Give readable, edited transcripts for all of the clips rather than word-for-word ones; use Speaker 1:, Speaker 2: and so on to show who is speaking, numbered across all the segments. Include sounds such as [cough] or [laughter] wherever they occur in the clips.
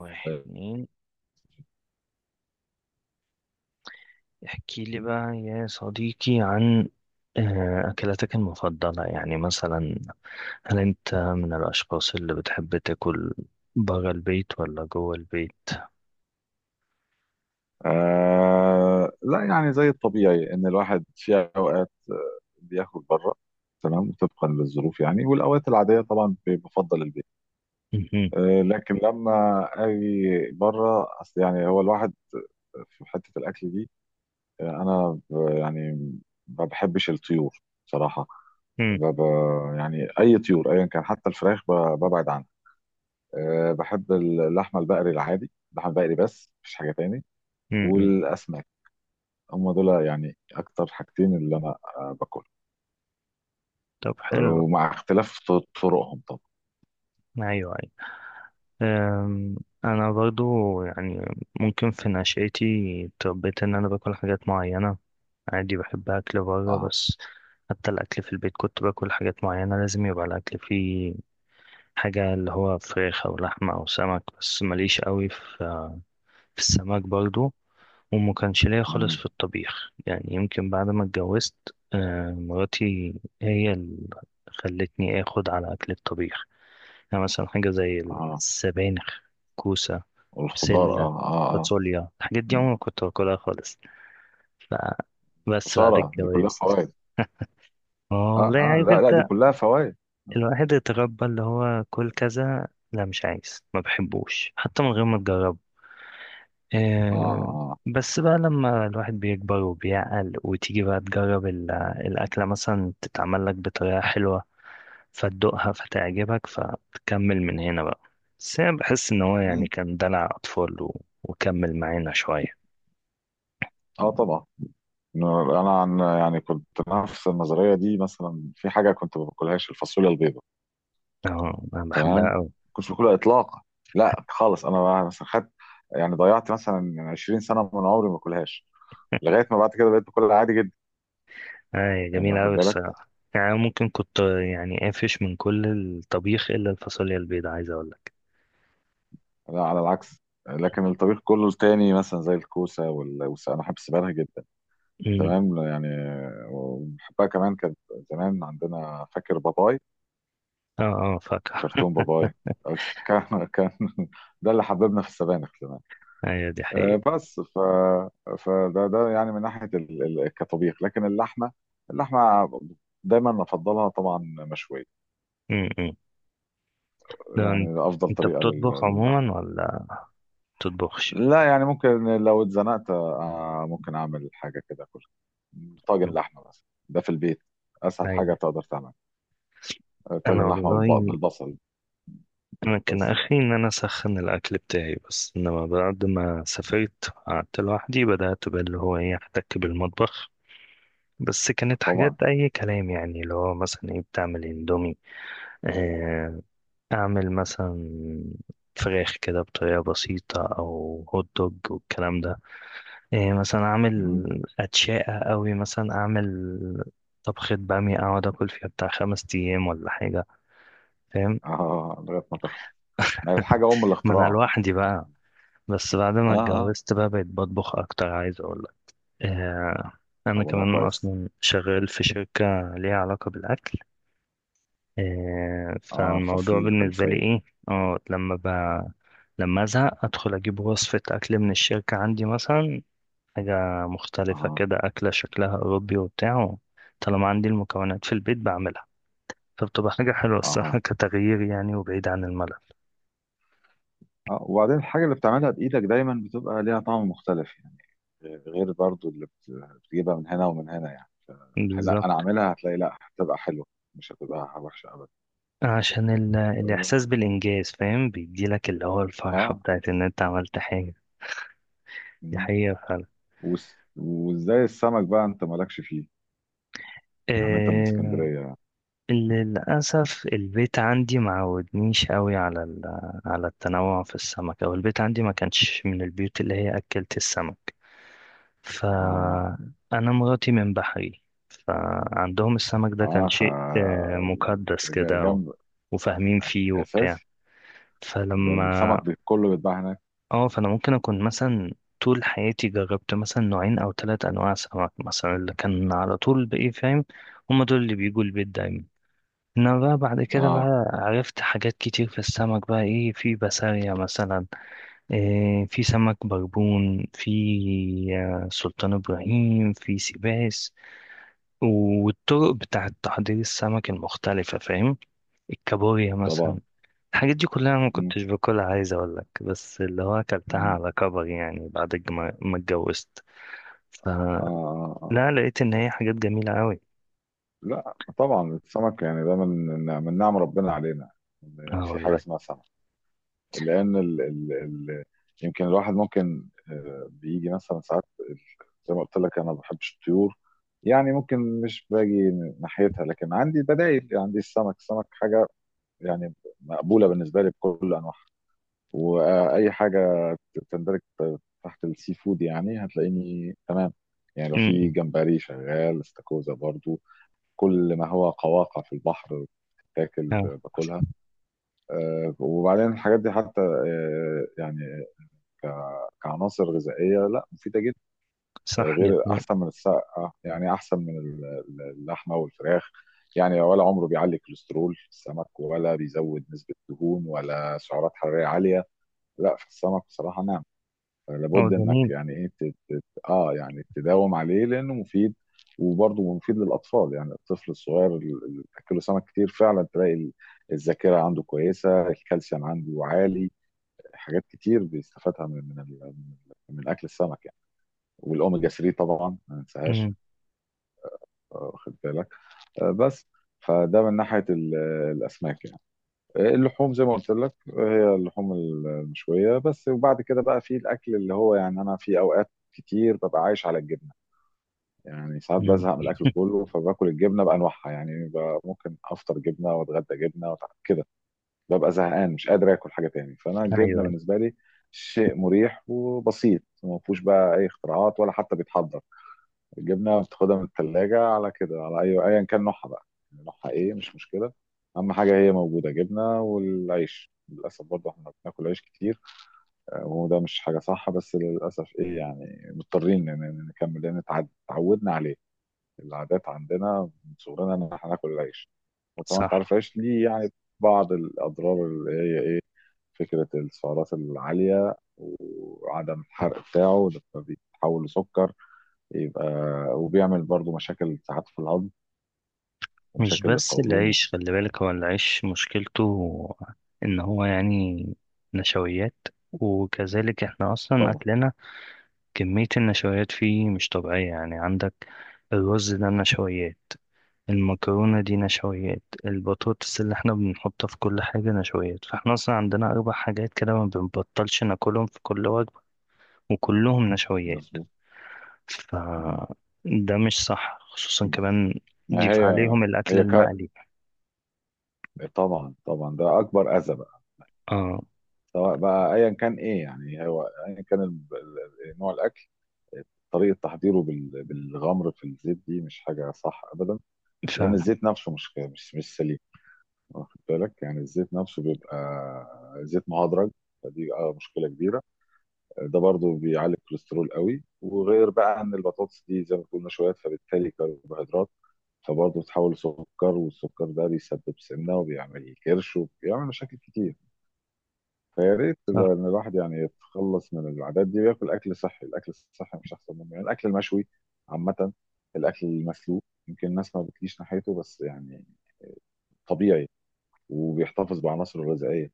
Speaker 1: واحد،
Speaker 2: طيب.
Speaker 1: اتنين. احكي لي بقى يا صديقي عن أكلاتك المفضلة، يعني مثلا، هل أنت من الأشخاص اللي بتحب تاكل برا البيت ولا جوه البيت؟
Speaker 2: لا، يعني زي الطبيعي ان الواحد في اوقات بياكل بره. تمام، طبقا للظروف، يعني، والاوقات العاديه طبعا بفضل البيت.
Speaker 1: مهم.
Speaker 2: لكن لما اجي بره، اصل يعني هو الواحد في حته الاكل دي. انا يعني ما بحبش الطيور صراحه.
Speaker 1: مم.
Speaker 2: يعني اي طيور ايا كان، حتى الفراخ ببعد عنها. بحب اللحمه البقري العادي، اللحمه البقري، بس مفيش حاجه تاني.
Speaker 1: مم.
Speaker 2: والاسماك، هم دول يعني اكتر حاجتين اللي انا باكلهم.
Speaker 1: طب، حلو.
Speaker 2: ومع اختلاف طرقهم طبعا.
Speaker 1: أيوه، أيوه. أم، أنا برضو، يعني، ممكن في نشأتي اتربيت إن أنا باكل حاجات معينة. عادي، بحب أكل برا
Speaker 2: اه.
Speaker 1: بس. حتى الأكل في البيت كنت باكل حاجات معينة، لازم يبقى الأكل فيه حاجة اللي هو فراخ أو لحمة أو سمك، بس ماليش قوي في السمك برضو. وما كانش ليا خالص
Speaker 2: مم.
Speaker 1: في الطبيخ، يعني يمكن بعد ما اتجوزت مراتي هي اللي خلتني آخد على أكل الطبيخ. يعني مثلا حاجة زي
Speaker 2: اه،
Speaker 1: السبانخ، كوسة،
Speaker 2: والخضار.
Speaker 1: بسلة،
Speaker 2: اه، اه، اه.
Speaker 1: فاصوليا. الحاجات دي
Speaker 2: مم.
Speaker 1: عمري ما كنت باكلها خالص. فبس بعد
Speaker 2: خسارة، دي كلها
Speaker 1: الجواز.
Speaker 2: فوائد.
Speaker 1: اه
Speaker 2: اه،
Speaker 1: والله،
Speaker 2: اه،
Speaker 1: عارف
Speaker 2: لا
Speaker 1: انت،
Speaker 2: لا، دي كلها فوائد.
Speaker 1: الواحد اتربى اللي هو كل كذا، لا، مش عايز، ما بحبوش حتى من غير ما تجربه.
Speaker 2: اه،
Speaker 1: آه،
Speaker 2: اه.
Speaker 1: بس بقى لما الواحد بيكبر وبيعقل وتيجي بقى تجرب الأكلة، مثلا، تتعمل لك بطريقة حلوة، فتدوقها فتعجبك فتكمل من هنا بقى. بس أنا بحس إن هو يعني
Speaker 2: مم.
Speaker 1: كان دلع أطفال و... وكمل معانا شوية.
Speaker 2: اه، طبعا. انا عن يعني كنت نفس النظرية دي، مثلا في حاجة كنت ما باكلهاش، الفاصوليا البيضاء.
Speaker 1: اه، أنا بحبها
Speaker 2: تمام.
Speaker 1: أوي.
Speaker 2: كنتش باكلها اطلاقا، لا خالص. انا مثلا خدت يعني ضيعت مثلا 20 سنة من عمري ما باكلهاش، لغاية ما بعد كده بقيت باكلها عادي جدا.
Speaker 1: أي،
Speaker 2: يعني
Speaker 1: جميلة
Speaker 2: واخد
Speaker 1: أوي
Speaker 2: بالك.
Speaker 1: الصراحة، يعني ممكن كنت يعني قافش من كل الطبيخ إلا الفاصوليا البيضاء، عايز أقولك.
Speaker 2: لا على العكس، لكن الطبيخ كله التاني مثلا زي الكوسة انا بحب السبانخ جدا. تمام يعني، وبحبها كمان. كانت زمان عندنا، فاكر باباي؟
Speaker 1: اه. اه، فاكهة.
Speaker 2: كرتون باباي. آه، كان [laughs] ده اللي حببنا في السبانخ زمان.
Speaker 1: ايوه، دي حقيقة.
Speaker 2: بس فده يعني من ناحية كطبيخ، لكن اللحمة دايما افضلها طبعا مشوية.
Speaker 1: م- م. ده انت
Speaker 2: يعني افضل
Speaker 1: أنت
Speaker 2: طريقة
Speaker 1: بتطبخ
Speaker 2: للحمة.
Speaker 1: عموما ولا بتطبخش؟
Speaker 2: لا يعني ممكن، لو اتزنقت ممكن اعمل حاجه كده، كل
Speaker 1: م.
Speaker 2: طاجن لحمه بس. ده في البيت اسهل
Speaker 1: ايوه.
Speaker 2: حاجه تقدر تعمل.
Speaker 1: انا
Speaker 2: طاجن لحمه
Speaker 1: والله
Speaker 2: بالبصل.
Speaker 1: انا كان
Speaker 2: بس يعني.
Speaker 1: اخري ان انا اسخن الاكل بتاعي بس. انما بعد ما سافرت قعدت لوحدي، بدأت باللي هو ايه، احتك بالمطبخ. بس كانت حاجات
Speaker 2: طبعا.
Speaker 1: اي كلام، يعني اللي هو مثلا ايه، بتعمل اندومي، آه، اعمل مثلا فراخ كده بطريقة بسيطة، او هوت دوج والكلام ده. إيه، مثلا اعمل
Speaker 2: مم.
Speaker 1: اتشاقة قوي، مثلا اعمل طبخة بامية اقعد اكل فيها بتاع 5 ايام ولا حاجة، فاهم.
Speaker 2: اه، لغايه ما تخلص. ما هي الحاجه ام
Speaker 1: ما انا
Speaker 2: الاختراع.
Speaker 1: لوحدي بقى.
Speaker 2: يعني.
Speaker 1: بس بعد ما
Speaker 2: اه،
Speaker 1: اتجوزت
Speaker 2: اه.
Speaker 1: بقى بقيت بطبخ اكتر، عايز اقول لك. إيه، انا
Speaker 2: طب والله
Speaker 1: كمان
Speaker 2: كويس.
Speaker 1: اصلا شغال في شركة ليها علاقة بالاكل. إيه،
Speaker 2: اه،
Speaker 1: فالموضوع
Speaker 2: ففي
Speaker 1: بالنسبة لي
Speaker 2: خلفيه.
Speaker 1: ايه، اه، لما لما ازهق ادخل اجيب وصفة اكل من الشركة عندي، مثلا حاجة مختلفة
Speaker 2: اه،
Speaker 1: كده، أكلة شكلها أوروبي وبتاع. طالما عندي المكونات في البيت بعملها، فبتبقى حاجة حلوة
Speaker 2: اه،
Speaker 1: الصراحة [laughs] كتغيير يعني، وبعيد عن الملل.
Speaker 2: اه، وبعدين الحاجة اللي بتعملها بإيدك دايما بتبقى ليها طعم مختلف يعني، غير برضو اللي بتجيبها من هنا ومن هنا، يعني. لا أنا
Speaker 1: بالظبط.
Speaker 2: عاملها، هتلاقي، لا هتبقى حلوة، مش هتبقى وحشة أبدا.
Speaker 1: عشان الإحساس
Speaker 2: اه.
Speaker 1: بالإنجاز، فاهم، بيديلك اللي هو الفرحة
Speaker 2: آه.
Speaker 1: بتاعت إن أنت عملت حاجة. دي
Speaker 2: مم.
Speaker 1: حقيقة فعلا.
Speaker 2: وازاي السمك بقى، انت مالكش فيه؟ يعني انت من
Speaker 1: إيه...
Speaker 2: اسكندرية.
Speaker 1: للأسف البيت عندي معودنيش قوي على على التنوع في السمك، أو البيت عندي ما كانش من البيوت اللي هي أكلت السمك.
Speaker 2: اه،
Speaker 1: فأنا مراتي من بحري، فعندهم السمك ده كان
Speaker 2: اه، ف
Speaker 1: شيء مقدس كده و-
Speaker 2: جنب.
Speaker 1: وفاهمين فيه وبتاع،
Speaker 2: اساسي. ده السمك
Speaker 1: فلما.
Speaker 2: كله بيتباع هناك.
Speaker 1: اه، فأنا ممكن أكون مثلا طول حياتي جربت مثلا نوعين أو 3 أنواع سمك، مثلا اللي كان على طول بإيه، فاهم. هما دول اللي بيجوا البيت دايما. انما بقى بعد كده
Speaker 2: اه
Speaker 1: بقى عرفت حاجات كتير في السمك، بقى ايه في بسارية مثلا، إيه، في سمك بربون، في سلطان ابراهيم، في سيباس. والطرق بتاعة تحضير السمك المختلفة، فاهم. الكابوريا
Speaker 2: طبعا.
Speaker 1: مثلا. الحاجات دي كلها أنا ما
Speaker 2: مم.
Speaker 1: كنتش باكلها، عايز أقول لك، بس اللي هو أكلتها
Speaker 2: مم.
Speaker 1: على كبر، يعني بعد ما اتجوزت.
Speaker 2: اه،
Speaker 1: فلا،
Speaker 2: اه. آه.
Speaker 1: لقيت إن هي حاجات جميلة أوي.
Speaker 2: لا طبعا السمك يعني، ده من من نعم ربنا علينا،
Speaker 1: اه
Speaker 2: إن في حاجه
Speaker 1: والله.
Speaker 2: اسمها سمك. لان ال يمكن الواحد ممكن بيجي مثلا ساعات ال- زي ما قلت لك انا ما بحبش الطيور، يعني ممكن مش باجي ناحيتها. لكن عندي بدائل، عندي السمك. السمك حاجه يعني مقبوله بالنسبه لي بكل انواعها. واي حاجه تندرج تحت السي فود، يعني هتلاقيني تمام. يعني لو
Speaker 1: امم.
Speaker 2: في
Speaker 1: إمم.
Speaker 2: جمبري شغال، استاكوزا برضو، كل ما هو قواقع في البحر تاكل،
Speaker 1: اه،
Speaker 2: باكلها. وبعدين الحاجات دي حتى يعني كعناصر غذائيه لا، مفيده جدا.
Speaker 1: صح، دي
Speaker 2: غير احسن
Speaker 1: حقيقة.
Speaker 2: من السقه، يعني احسن من اللحمه والفراخ. يعني ولا عمره بيعلي كوليسترول في السمك، ولا بيزود نسبه دهون، ولا سعرات حراريه عاليه. لا في السمك بصراحه نعم،
Speaker 1: اه،
Speaker 2: لابد انك
Speaker 1: جميل.
Speaker 2: يعني ايه اه يعني تداوم عليه لانه مفيد. وبرضه مفيد للاطفال، يعني الطفل الصغير اللي بتاكله سمك كتير فعلا تلاقي الذاكره عنده كويسه، الكالسيوم عنده عالي، حاجات كتير بيستفادها من من اكل السمك يعني. والاوميجا 3 طبعا ما ننساهاش.
Speaker 1: امم.
Speaker 2: واخد بالك. بس فده من ناحيه الاسماك يعني. اللحوم زي ما قلت لك، هي اللحوم المشوية بس. وبعد كده بقى في الأكل اللي هو يعني، أنا في أوقات كتير ببقى عايش على الجبنة. يعني ساعات
Speaker 1: امم.
Speaker 2: بزهق من الأكل كله، فباكل الجبنة بأنواعها، يعني ممكن أفطر جبنة، وأتغدى جبنة، كده. ببقى زهقان، مش قادر آكل حاجة تاني. فأنا
Speaker 1: أيوه،
Speaker 2: الجبنة
Speaker 1: أيوة،
Speaker 2: بالنسبة لي شيء مريح وبسيط، ما فيهوش بقى أي اختراعات، ولا حتى بيتحضر. الجبنه بتاخدها من الثلاجه على كده، على اي، ايا كان نوعها بقى. يعني نوعها ايه مش مشكله، اهم حاجه هي موجوده، جبنه. والعيش للاسف برضه احنا بناكل عيش كتير. وده مش حاجه صح، بس للاسف ايه، يعني مضطرين إن نكمل، لان اتعودنا عليه. العادات عندنا من صغرنا ان احنا ناكل العيش. وطبعا انت عارف
Speaker 1: صح.
Speaker 2: العيش ليه يعني بعض الاضرار، اللي هي ايه، فكره السعرات العاليه وعدم الحرق بتاعه. ده بيتحول لسكر، يبقى. وبيعمل برضو مشاكل ساعات في الهضم
Speaker 1: مش
Speaker 2: ومشاكل
Speaker 1: بس
Speaker 2: للقولون.
Speaker 1: العيش، خلي بالك هو العيش مشكلته إن هو يعني نشويات. وكذلك احنا أصلا
Speaker 2: طبعا.
Speaker 1: أكلنا كمية النشويات فيه مش طبيعية. يعني عندك الرز ده نشويات، المكرونة دي نشويات، البطاطس اللي احنا بنحطها في كل حاجة نشويات. فاحنا اصلا عندنا 4 حاجات كده ما بنبطلش ناكلهم في كل وجبة، وكلهم نشويات.
Speaker 2: مظبوط.
Speaker 1: ف
Speaker 2: مم.
Speaker 1: ده مش صح، خصوصا كمان
Speaker 2: ما
Speaker 1: ضيف
Speaker 2: هي،
Speaker 1: عليهم الأكل
Speaker 2: هي ك...
Speaker 1: المقلي.
Speaker 2: طبعا طبعا ده اكبر اذى بقى.
Speaker 1: اه،
Speaker 2: سواء بقى ايا كان ايه يعني، هو ايا كان نوع الاكل، طريقه تحضيره بالغمر في الزيت، دي مش حاجه صح ابدا. لان
Speaker 1: فعلا
Speaker 2: الزيت نفسه مش سليم. واخد بالك يعني، الزيت نفسه بيبقى زيت مهدرج. فدي آه مشكله كبيره. ده برضو بيعلي الكوليسترول قوي. وغير بقى ان البطاطس دي زي ما قلنا شوية، فبالتالي كربوهيدرات، فبرضه بتتحول لسكر. والسكر ده بيسبب سمنة، وبيعمل كرش، وبيعمل مشاكل كتير. فيا ريت ان
Speaker 1: صح.
Speaker 2: الواحد يعني يتخلص من العادات دي وياكل اكل صحي. الاكل الصحي مش احسن منه، يعني الاكل المشوي عامة، الاكل المسلوق. يمكن الناس ما بتجيش ناحيته، بس يعني طبيعي وبيحتفظ بعناصره الغذائية.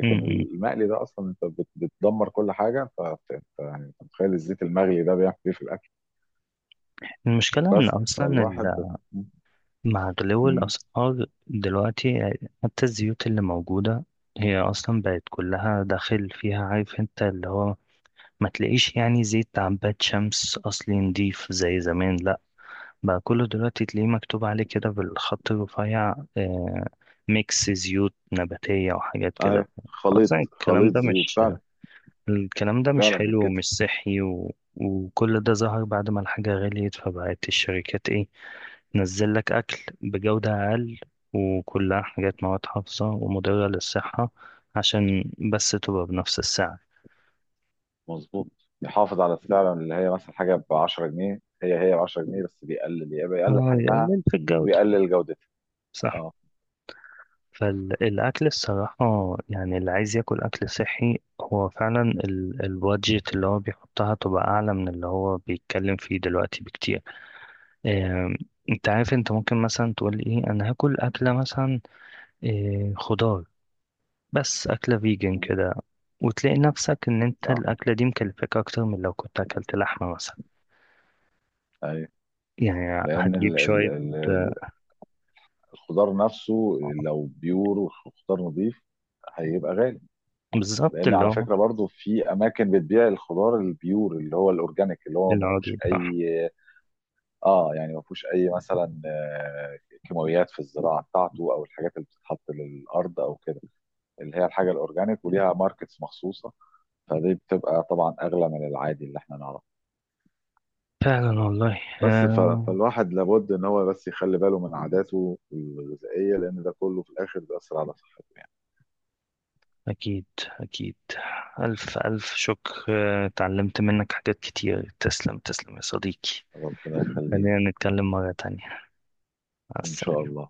Speaker 1: م- م.
Speaker 2: المقلي ده اصلا، انت بتدمر كل حاجه. يعني انت متخيل الزيت المغلي ده بيعمل ايه في الاكل.
Speaker 1: المشكلة إن
Speaker 2: بس
Speaker 1: أصلا،
Speaker 2: فالواحد.
Speaker 1: مع غلو
Speaker 2: مم.
Speaker 1: الأسعار دلوقتي، حتى الزيوت اللي موجودة هي أصلا بقت كلها داخل فيها، عارف انت اللي هو ما تلاقيش يعني زيت عباد شمس أصلي نضيف زي زمان، لأ. بقى كله دلوقتي تلاقيه مكتوب عليه كده بالخط الرفيع، آه، ميكس زيوت نباتية وحاجات كده.
Speaker 2: ايوه، خليط
Speaker 1: أصلا الكلام
Speaker 2: خليط
Speaker 1: ده
Speaker 2: زيوت
Speaker 1: مش
Speaker 2: فعلا.
Speaker 1: الكلام ده مش
Speaker 2: فعلا
Speaker 1: حلو
Speaker 2: بالكتف.
Speaker 1: ومش صحي، و... وكل ده ظهر بعد ما الحاجة غليت، فبقت الشركات ايه نزل لك أكل بجودة أقل، وكلها حاجات مواد حافظة ومضرة للصحة، عشان بس تبقى بنفس السعر.
Speaker 2: مظبوط. يحافظ على السعر، اللي هي مثلا حاجه ب 10 جنيه، هي ب 10 جنيه، بس بيقلل، يبقى يقلل
Speaker 1: اه،
Speaker 2: حجمها
Speaker 1: يقلل في الجودة.
Speaker 2: وبيقلل جودتها.
Speaker 1: صح.
Speaker 2: اه.
Speaker 1: فالأكل الصراحة، يعني اللي عايز ياكل أكل صحي، هو فعلا البادجت اللي هو بيحطها تبقى أعلى من اللي هو بيتكلم فيه دلوقتي بكتير. آم، انت عارف انت، ممكن مثلا تقول ايه، انا هاكل أكلة مثلا خضار، بس أكلة فيجن كده، وتلاقي نفسك إن أنت
Speaker 2: اه.
Speaker 1: الأكلة دي مكلفاك أكتر من لو كنت أكلت لحمة مثلا،
Speaker 2: ايوه.
Speaker 1: يعني
Speaker 2: لان
Speaker 1: هتجيب
Speaker 2: ال ال
Speaker 1: شوية.
Speaker 2: ال الخضار نفسه لو بيور وخضار نظيف هيبقى غالي.
Speaker 1: بالظبط
Speaker 2: لان
Speaker 1: اللي
Speaker 2: على
Speaker 1: هو
Speaker 2: فكره برضو في اماكن بتبيع الخضار البيور، اللي هو الاورجانيك، اللي هو ما فيهوش
Speaker 1: العضوي، صح.
Speaker 2: اي، اه يعني ما فيهوش اي مثلا كيماويات في الزراعه بتاعته، او الحاجات اللي بتتحط للارض او كده. اللي هي الحاجه الاورجانيك وليها ماركتس مخصوصه، فدي بتبقى طبعا اغلى من العادي اللي احنا نعرفه.
Speaker 1: فعلا والله.
Speaker 2: بس ف- فالواحد لابد ان هو بس يخلي باله من عاداته الغذائيه، لان ده كله في الاخر بيأثر على صحته يعني.
Speaker 1: أكيد أكيد. ألف ألف شكر، اتعلمت منك حاجات كتير. تسلم تسلم يا صديقي.
Speaker 2: ربنا يخليك.
Speaker 1: خلينا نتكلم مرة تانية. مع
Speaker 2: ان شاء
Speaker 1: السلامة.
Speaker 2: الله.